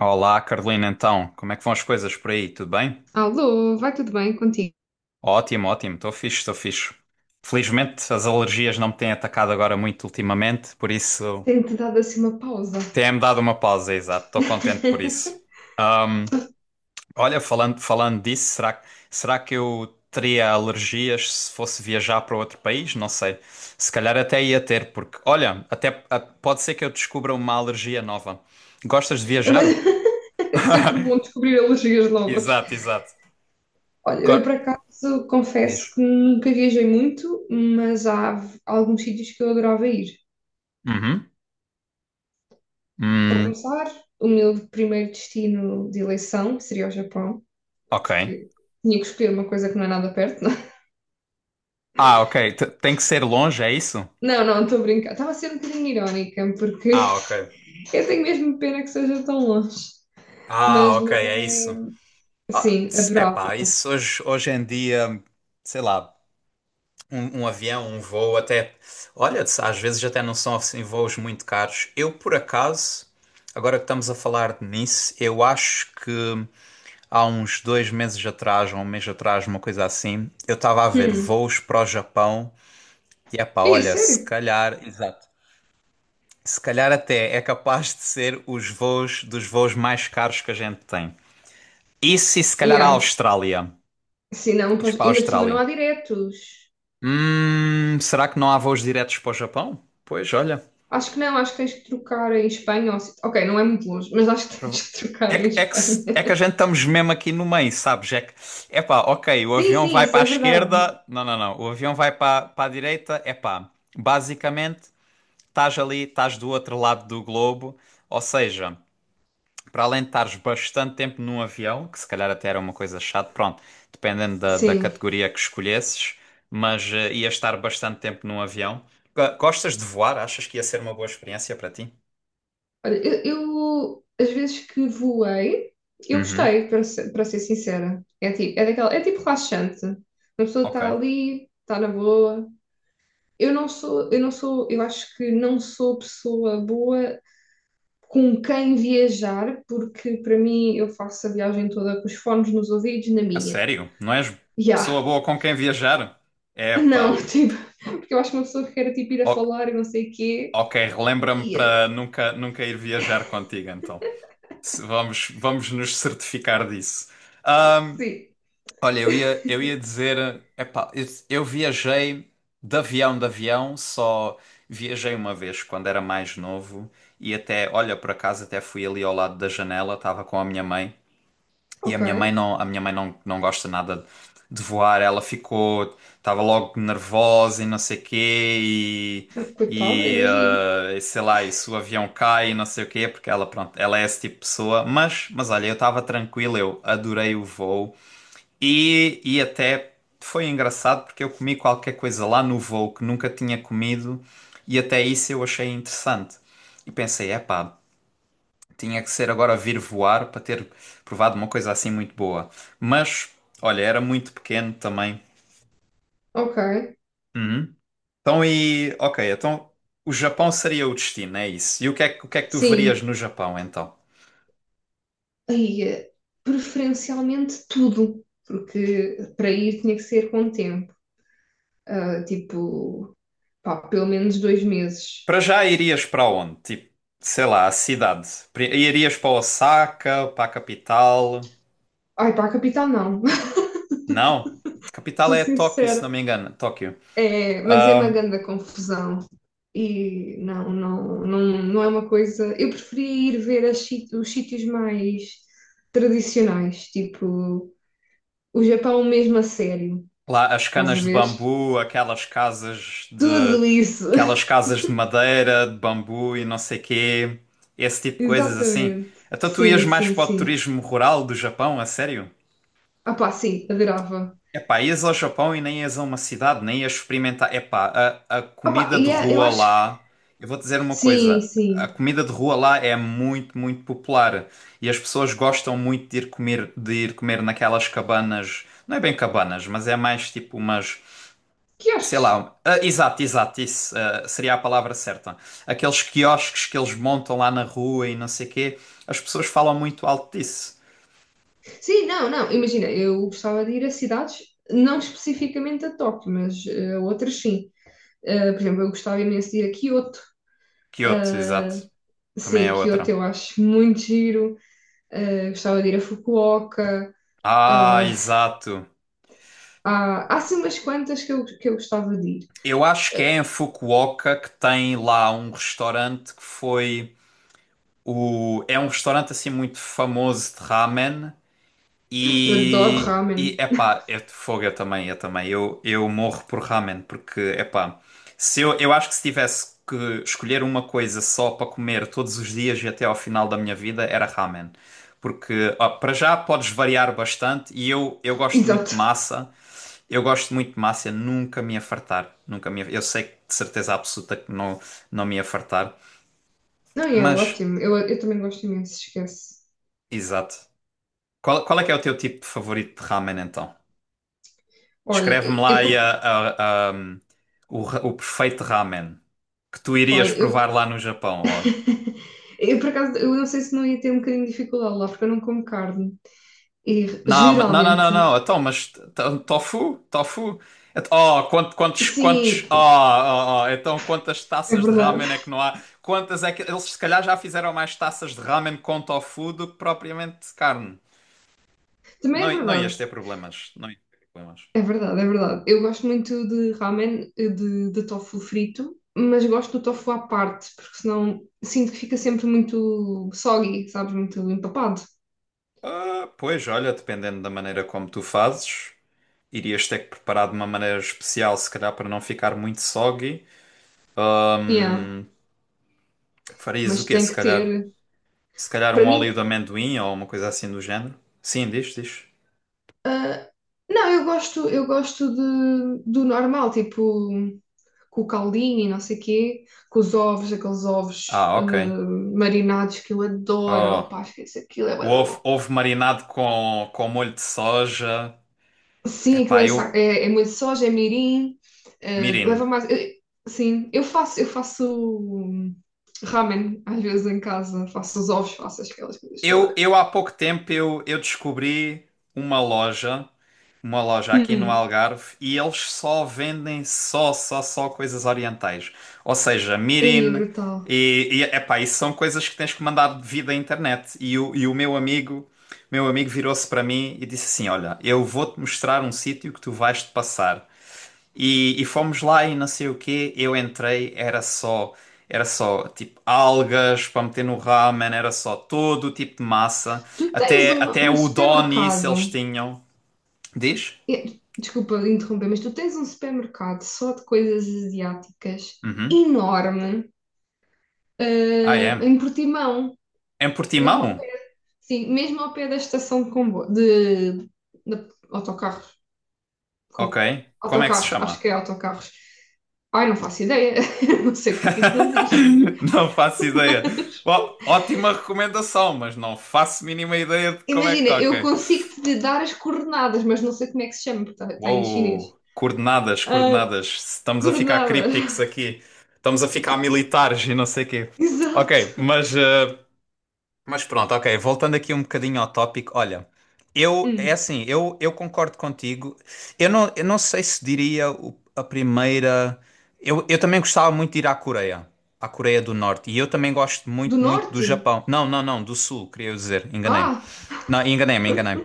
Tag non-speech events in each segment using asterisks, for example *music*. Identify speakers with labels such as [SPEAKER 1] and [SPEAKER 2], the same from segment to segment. [SPEAKER 1] Olá, Carolina, então, como é que vão as coisas por aí? Tudo bem?
[SPEAKER 2] Alô, vai tudo bem contigo?
[SPEAKER 1] Ótimo, ótimo, estou fixe, estou fixe. Felizmente as alergias não me têm atacado agora muito ultimamente, por isso
[SPEAKER 2] Tenho-te dado assim uma pausa.
[SPEAKER 1] tem-me dado uma pausa, exato, estou contente por
[SPEAKER 2] *laughs*
[SPEAKER 1] isso. Olha, falando, falando disso, será que eu teria alergias se fosse viajar para outro país? Não sei, se calhar até ia ter, porque, olha, pode ser que eu descubra uma alergia nova. Gostas de viajar?
[SPEAKER 2] É sempre bom descobrir alergias novas.
[SPEAKER 1] Exato, exato.
[SPEAKER 2] Olha, eu
[SPEAKER 1] Go-
[SPEAKER 2] por acaso
[SPEAKER 1] Diz.
[SPEAKER 2] confesso que nunca viajei muito, mas há alguns sítios que eu adorava ir.
[SPEAKER 1] Uhum.
[SPEAKER 2] Para
[SPEAKER 1] Hum,
[SPEAKER 2] começar, o meu primeiro destino de eleição seria o Japão,
[SPEAKER 1] ok.
[SPEAKER 2] porque tinha que escolher uma coisa que não é nada perto, não é?
[SPEAKER 1] Ah, ok. Tem que ser longe, é isso?
[SPEAKER 2] Não, não, estou a brincar. Estava a ser um bocadinho irónica, porque
[SPEAKER 1] Ah, ok.
[SPEAKER 2] *laughs* eu tenho mesmo pena que seja tão longe.
[SPEAKER 1] Ah, ok,
[SPEAKER 2] Mas
[SPEAKER 1] é
[SPEAKER 2] é.
[SPEAKER 1] isso. Ah,
[SPEAKER 2] Sim,
[SPEAKER 1] é pá,
[SPEAKER 2] adorava.
[SPEAKER 1] isso hoje em dia, sei lá, um avião, um voo até. Olha, às vezes até não são assim voos muito caros. Eu, por acaso, agora que estamos a falar nisso, eu acho que há uns 2 meses atrás, ou um mês atrás, uma coisa assim, eu estava a ver
[SPEAKER 2] Hum.
[SPEAKER 1] voos para o Japão e é pá,
[SPEAKER 2] É
[SPEAKER 1] olha, se
[SPEAKER 2] sério?
[SPEAKER 1] calhar. Exato. Se calhar até é capaz de ser os voos dos voos mais caros que a gente tem. Isso e se calhar a
[SPEAKER 2] Yeah.
[SPEAKER 1] Austrália.
[SPEAKER 2] Se não,
[SPEAKER 1] Ires para a
[SPEAKER 2] ainda por cima não
[SPEAKER 1] Austrália.
[SPEAKER 2] há diretos.
[SPEAKER 1] Será que não há voos diretos para o Japão? Pois, olha.
[SPEAKER 2] Acho que não, acho que tens que trocar em Espanha. Ou se- Ok, não é muito longe, mas acho que *laughs*
[SPEAKER 1] prova-
[SPEAKER 2] tens que trocar em
[SPEAKER 1] É, que,
[SPEAKER 2] Espanha.
[SPEAKER 1] se- É que a gente estamos mesmo aqui no meio, sabes? É que, epá, ok, o
[SPEAKER 2] Sim,
[SPEAKER 1] avião
[SPEAKER 2] sim,
[SPEAKER 1] vai
[SPEAKER 2] isso
[SPEAKER 1] para a
[SPEAKER 2] é verdade.
[SPEAKER 1] esquerda. Não, não, não. O avião vai para a direita. Epá, basicamente, estás ali, estás do outro lado do globo. Ou seja. Para além de estares bastante tempo num avião, que se calhar até era uma coisa chata, pronto, dependendo da
[SPEAKER 2] Sim.
[SPEAKER 1] categoria que escolhesses, mas ias estar bastante tempo num avião. Gostas de voar? Achas que ia ser uma boa experiência para ti?
[SPEAKER 2] Olha, eu, às vezes que voei, eu
[SPEAKER 1] Uhum.
[SPEAKER 2] gostei, para ser sincera. É tipo relaxante. Uma pessoa
[SPEAKER 1] Ok.
[SPEAKER 2] está ali, está na boa. Eu não sou, eu acho que não sou pessoa boa com quem viajar, porque para mim eu faço a viagem toda com os fones nos ouvidos, na
[SPEAKER 1] A
[SPEAKER 2] minha.
[SPEAKER 1] sério? Não és
[SPEAKER 2] Ya,
[SPEAKER 1] pessoa boa com quem viajar?
[SPEAKER 2] *laughs* não,
[SPEAKER 1] Epá.
[SPEAKER 2] tipo, porque eu acho que uma pessoa que quer tipo, ir a
[SPEAKER 1] O-
[SPEAKER 2] falar e não sei o quê,
[SPEAKER 1] ok, relembra-me
[SPEAKER 2] ia,
[SPEAKER 1] para nunca, nunca ir viajar contigo, então. Vamos, vamos nos certificar disso.
[SPEAKER 2] sim,
[SPEAKER 1] Olha, eu ia dizer, epá, eu viajei de avião, só viajei uma vez quando era mais novo e até, olha, por acaso até fui ali ao lado da janela, estava com a minha mãe e a
[SPEAKER 2] ok,
[SPEAKER 1] minha mãe não, a minha mãe não, não gosta nada de voar, ela ficou, estava logo nervosa e não sei quê e,
[SPEAKER 2] coitada,
[SPEAKER 1] e
[SPEAKER 2] imagino,
[SPEAKER 1] eh, sei lá, e se o avião cai e não sei o quê, porque ela, pronto, ela é esse tipo de pessoa, mas olha, eu estava tranquilo, eu adorei o voo. E até foi engraçado porque eu comi qualquer coisa lá no voo que nunca tinha comido e até isso eu achei interessante. E pensei, epá, tinha que ser agora vir voar para ter provado uma coisa assim muito boa. Mas, olha, era muito pequeno também.
[SPEAKER 2] ok,
[SPEAKER 1] Uhum. Então e, ok, então o Japão seria o destino, é isso. E o que é que tu verias
[SPEAKER 2] sim,
[SPEAKER 1] no Japão então?
[SPEAKER 2] ia, preferencialmente tudo, porque para ir tinha que ser com tempo, ah, tipo, pá, pelo menos 2 meses.
[SPEAKER 1] Para já irias para onde? Tipo, sei lá, a cidade. Irias para Osaka, para a capital?
[SPEAKER 2] Ai, para a capital não, *laughs*
[SPEAKER 1] Não. Capital
[SPEAKER 2] sou
[SPEAKER 1] é Tóquio, se
[SPEAKER 2] sincera,
[SPEAKER 1] não me engano. Tóquio.
[SPEAKER 2] é, mas é uma
[SPEAKER 1] Ahm,
[SPEAKER 2] grande confusão. Não é uma coisa. Eu preferia ir ver os sítios mais tradicionais, tipo o Japão mesmo a sério,
[SPEAKER 1] Lá as
[SPEAKER 2] estás a
[SPEAKER 1] canas de
[SPEAKER 2] ver?
[SPEAKER 1] bambu, aquelas casas de
[SPEAKER 2] Tudo isso! *laughs*
[SPEAKER 1] madeira, de bambu e não sei quê, esse tipo de coisas assim.
[SPEAKER 2] Exatamente.
[SPEAKER 1] Então tu ias
[SPEAKER 2] Sim,
[SPEAKER 1] mais
[SPEAKER 2] sim,
[SPEAKER 1] para o
[SPEAKER 2] sim.
[SPEAKER 1] turismo rural do Japão, a sério?
[SPEAKER 2] Ah pá, sim, adorava.
[SPEAKER 1] Epá, ias ao Japão e nem ias a uma cidade, nem ias experimentar. Epá, a
[SPEAKER 2] Ah pá,
[SPEAKER 1] comida de
[SPEAKER 2] eu
[SPEAKER 1] rua
[SPEAKER 2] acho que.
[SPEAKER 1] lá. Eu vou dizer uma
[SPEAKER 2] Sim,
[SPEAKER 1] coisa: a
[SPEAKER 2] sim.
[SPEAKER 1] comida de rua lá é muito, muito popular. E as pessoas gostam muito de ir comer naquelas cabanas. Não é bem cabanas, mas é mais tipo umas. Sei
[SPEAKER 2] Quiosques.
[SPEAKER 1] lá. Ah, exato, exato, isso, seria a palavra certa. Aqueles quiosques que eles montam lá na rua e não sei quê. As pessoas falam muito alto disso.
[SPEAKER 2] Sim, não, não. Imagina, eu gostava de ir a cidades, não especificamente a Tóquio, mas a outras sim. Por exemplo, eu gostava imenso de ir a Kyoto.
[SPEAKER 1] Kyoto, exato.
[SPEAKER 2] eh,
[SPEAKER 1] Também
[SPEAKER 2] Sim,
[SPEAKER 1] é
[SPEAKER 2] Kyoto
[SPEAKER 1] outra.
[SPEAKER 2] eu acho muito giro. Gostava de ir a Fukuoka.
[SPEAKER 1] Ah,
[SPEAKER 2] Uh,
[SPEAKER 1] exato.
[SPEAKER 2] há, há assim umas quantas que eu gostava de ir.
[SPEAKER 1] Eu acho que é
[SPEAKER 2] Uh,
[SPEAKER 1] em Fukuoka que tem lá um restaurante que foi o é um restaurante assim muito famoso de ramen
[SPEAKER 2] eu adoro
[SPEAKER 1] e
[SPEAKER 2] ramen.
[SPEAKER 1] epá,
[SPEAKER 2] *laughs*
[SPEAKER 1] é de fogo eu também, eu também. Eu morro por ramen porque epá, se eu eu acho que se tivesse que escolher uma coisa só para comer todos os dias e até ao final da minha vida era ramen. Porque ó, para já podes variar bastante e eu gosto muito de
[SPEAKER 2] Exato.
[SPEAKER 1] massa. Eu gosto muito de massa, eu nunca me ia fartar. Nunca me ia... Eu sei que de certeza absoluta que não me ia fartar.
[SPEAKER 2] Não, e é
[SPEAKER 1] Mas,
[SPEAKER 2] ótimo. Eu também gosto imenso, esquece.
[SPEAKER 1] exato. Qual é que é o teu tipo de favorito de ramen então?
[SPEAKER 2] Olha,
[SPEAKER 1] Descreve-me lá
[SPEAKER 2] eu,
[SPEAKER 1] aí
[SPEAKER 2] como-
[SPEAKER 1] o perfeito ramen que tu irias
[SPEAKER 2] olha, eu,
[SPEAKER 1] provar lá no Japão. Ó.
[SPEAKER 2] *laughs* eu por acaso, eu não sei se não ia ter um bocadinho de dificuldade lá, porque eu não como carne. E
[SPEAKER 1] Não, não, não, não,
[SPEAKER 2] geralmente,
[SPEAKER 1] não. Então, mas tofu? Tofu? Oh,
[SPEAKER 2] sim,
[SPEAKER 1] então quantas
[SPEAKER 2] é
[SPEAKER 1] taças de
[SPEAKER 2] verdade.
[SPEAKER 1] ramen é que não há? Quantas é que eles se calhar já fizeram mais taças de ramen com tofu do que propriamente de carne?
[SPEAKER 2] *laughs* Também é
[SPEAKER 1] Não, não
[SPEAKER 2] verdade.
[SPEAKER 1] ias ter problemas, não ias ter problemas.
[SPEAKER 2] É verdade, é verdade. Eu gosto muito de ramen, de tofu frito, mas gosto do tofu à parte, porque senão sinto que fica sempre muito soggy, sabes? Muito empapado.
[SPEAKER 1] Ah, pois, olha, dependendo da maneira como tu fazes, irias ter que preparar de uma maneira especial, se calhar para não ficar muito soggy.
[SPEAKER 2] Yeah,
[SPEAKER 1] Ahm, Farias o
[SPEAKER 2] mas
[SPEAKER 1] quê,
[SPEAKER 2] tem
[SPEAKER 1] se
[SPEAKER 2] que
[SPEAKER 1] calhar?
[SPEAKER 2] ter.
[SPEAKER 1] Se calhar um
[SPEAKER 2] Para mim,
[SPEAKER 1] óleo de amendoim ou uma coisa assim do género. Sim, diz, diz.
[SPEAKER 2] ah, não, eu gosto de, do normal, tipo com o caldinho e não sei quê, com os ovos, aqueles ovos
[SPEAKER 1] Ah, ok.
[SPEAKER 2] marinados que eu adoro.
[SPEAKER 1] Oh,
[SPEAKER 2] Opá, esquece aquilo, é
[SPEAKER 1] o
[SPEAKER 2] bué da
[SPEAKER 1] ovo,
[SPEAKER 2] bom.
[SPEAKER 1] ovo marinado com molho de soja.
[SPEAKER 2] Sim,
[SPEAKER 1] Epá, eu...
[SPEAKER 2] é, é muito soja, é mirim,
[SPEAKER 1] Mirin.
[SPEAKER 2] leva mais. Sim, eu faço ramen às vezes em casa, faço os ovos, faço aquelas coisas
[SPEAKER 1] Eu,
[SPEAKER 2] todas.
[SPEAKER 1] eu há pouco tempo eu descobri uma loja, aqui no
[SPEAKER 2] Hum,
[SPEAKER 1] Algarve e eles só vendem só coisas orientais. Ou seja,
[SPEAKER 2] aí é
[SPEAKER 1] mirin
[SPEAKER 2] brutal.
[SPEAKER 1] e epá, isso são coisas que tens que mandar de vida à internet. E o meu amigo, virou-se para mim e disse assim: Olha, eu vou-te mostrar um sítio que tu vais-te passar. E fomos lá e não sei o quê, eu entrei, era só tipo algas para meter no ramen, era só todo o tipo de massa,
[SPEAKER 2] Tu tens
[SPEAKER 1] até,
[SPEAKER 2] um,
[SPEAKER 1] até
[SPEAKER 2] um
[SPEAKER 1] o udon isso eles
[SPEAKER 2] supermercado,
[SPEAKER 1] tinham. Diz?
[SPEAKER 2] eh, desculpa interromper, mas tu tens um supermercado só de coisas asiáticas
[SPEAKER 1] Uhum.
[SPEAKER 2] enorme,
[SPEAKER 1] Ah, é.
[SPEAKER 2] em Portimão,
[SPEAKER 1] Em
[SPEAKER 2] mesmo ao,
[SPEAKER 1] Portimão?
[SPEAKER 2] sim, mesmo ao pé da estação de comboio, de autocarros.
[SPEAKER 1] Ok.
[SPEAKER 2] Como
[SPEAKER 1] Como é que se
[SPEAKER 2] autocarros, acho que
[SPEAKER 1] chama?
[SPEAKER 2] é autocarros. Ai, não faço ideia, *laughs* não sei o que é que aquilo diz.
[SPEAKER 1] *laughs* Não faço ideia. Ótima recomendação, mas não faço mínima ideia de como é que.
[SPEAKER 2] Imagina, eu
[SPEAKER 1] Ok.
[SPEAKER 2] consigo te dar as coordenadas, mas não sei como é que se chama, porque está em chinês.
[SPEAKER 1] Uou, coordenadas,
[SPEAKER 2] Ah,
[SPEAKER 1] coordenadas. Estamos a ficar
[SPEAKER 2] coordenadas,
[SPEAKER 1] crípticos aqui. Estamos a ficar militares e não sei quê.
[SPEAKER 2] *laughs*
[SPEAKER 1] Ok,
[SPEAKER 2] exato.
[SPEAKER 1] mas pronto, ok. Voltando aqui um bocadinho ao tópico, olha, eu, é
[SPEAKER 2] Hum.
[SPEAKER 1] assim, eu concordo contigo. Eu não sei se diria a primeira. Eu também gostava muito de ir à Coreia do Norte. E eu também gosto
[SPEAKER 2] Do
[SPEAKER 1] muito, muito do
[SPEAKER 2] norte?
[SPEAKER 1] Japão. Não, não, não, do Sul, queria dizer, enganei-me.
[SPEAKER 2] Ah,
[SPEAKER 1] Não, enganei-me, enganei-me.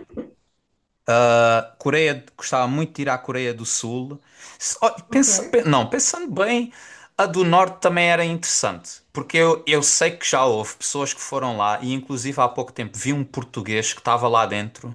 [SPEAKER 1] Ah, Coreia, gostava muito de ir à Coreia do Sul. Ó,
[SPEAKER 2] ok.
[SPEAKER 1] não, pensando bem, a do Norte também era interessante, porque eu sei que já houve pessoas que foram lá, e inclusive há pouco tempo vi um português que estava lá dentro,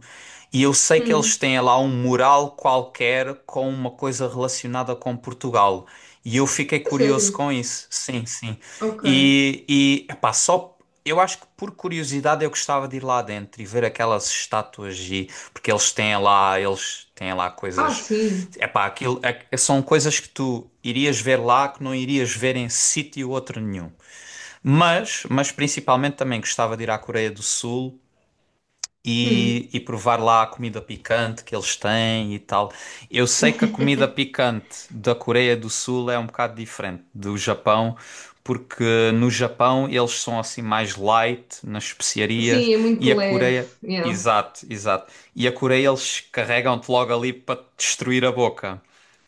[SPEAKER 1] e eu sei que eles
[SPEAKER 2] Hum.
[SPEAKER 1] têm lá um mural qualquer com uma coisa relacionada com Portugal. E eu fiquei
[SPEAKER 2] A
[SPEAKER 1] curioso
[SPEAKER 2] sério?
[SPEAKER 1] com isso, sim, sim.
[SPEAKER 2] Ok.
[SPEAKER 1] E epá, só eu acho que por curiosidade eu gostava de ir lá dentro e ver aquelas estátuas e porque eles têm lá
[SPEAKER 2] Ah,
[SPEAKER 1] coisas.
[SPEAKER 2] sim.
[SPEAKER 1] Epá, aquilo são coisas que tu irias ver lá que não irias ver em sítio outro nenhum. Mas principalmente também gostava de ir à Coreia do Sul
[SPEAKER 2] Hum.
[SPEAKER 1] e provar lá a comida picante que eles têm e tal. Eu sei que a comida
[SPEAKER 2] *laughs*
[SPEAKER 1] picante da Coreia do Sul é um bocado diferente do Japão, porque no Japão eles são assim mais light nas especiarias
[SPEAKER 2] Sim, é
[SPEAKER 1] e
[SPEAKER 2] muito
[SPEAKER 1] a
[SPEAKER 2] leve.
[SPEAKER 1] Coreia.
[SPEAKER 2] Yeah.
[SPEAKER 1] Exato, exato. E a Coreia eles carregam-te logo ali para te destruir a boca.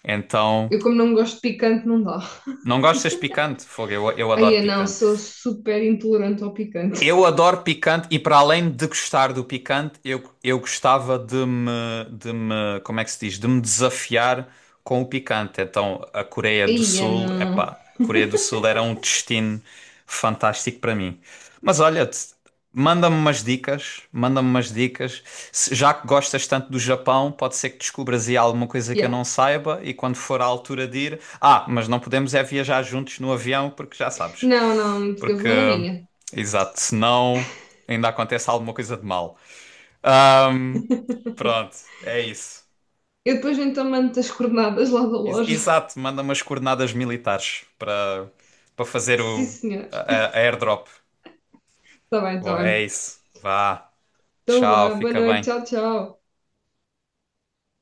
[SPEAKER 1] Então,
[SPEAKER 2] Eu, como não gosto de picante, não dá.
[SPEAKER 1] não gostas picante? Fogo, eu
[SPEAKER 2] Ai,
[SPEAKER 1] adoro
[SPEAKER 2] é não,
[SPEAKER 1] picante.
[SPEAKER 2] sou super intolerante ao picante.
[SPEAKER 1] Eu adoro picante e para além de gostar do picante, eu gostava de me, como é que se diz, de me desafiar com o picante. Então, a Coreia do
[SPEAKER 2] Ai, é
[SPEAKER 1] Sul,
[SPEAKER 2] não.
[SPEAKER 1] epá, Coreia do Sul era um destino fantástico para mim. Mas olha, manda-me umas dicas, manda-me umas dicas. Já que gostas tanto do Japão, pode ser que descubras aí alguma coisa que eu
[SPEAKER 2] Yeah.
[SPEAKER 1] não saiba e quando for à altura de ir, mas não podemos é viajar juntos no avião porque já sabes.
[SPEAKER 2] Não, não, eu
[SPEAKER 1] Porque
[SPEAKER 2] vou na minha.
[SPEAKER 1] Exato, senão ainda acontece alguma coisa de mal. Ahm, Pronto, é isso.
[SPEAKER 2] Eu depois então mando as coordenadas lá da loja.
[SPEAKER 1] Exato, manda umas coordenadas militares para fazer
[SPEAKER 2] Sim, senhor.
[SPEAKER 1] a airdrop.
[SPEAKER 2] Está bem, está
[SPEAKER 1] Bom, é
[SPEAKER 2] bem.
[SPEAKER 1] isso. Vá.
[SPEAKER 2] Então
[SPEAKER 1] Tchau,
[SPEAKER 2] vá, boa
[SPEAKER 1] fica
[SPEAKER 2] noite,
[SPEAKER 1] bem.
[SPEAKER 2] tchau, tchau.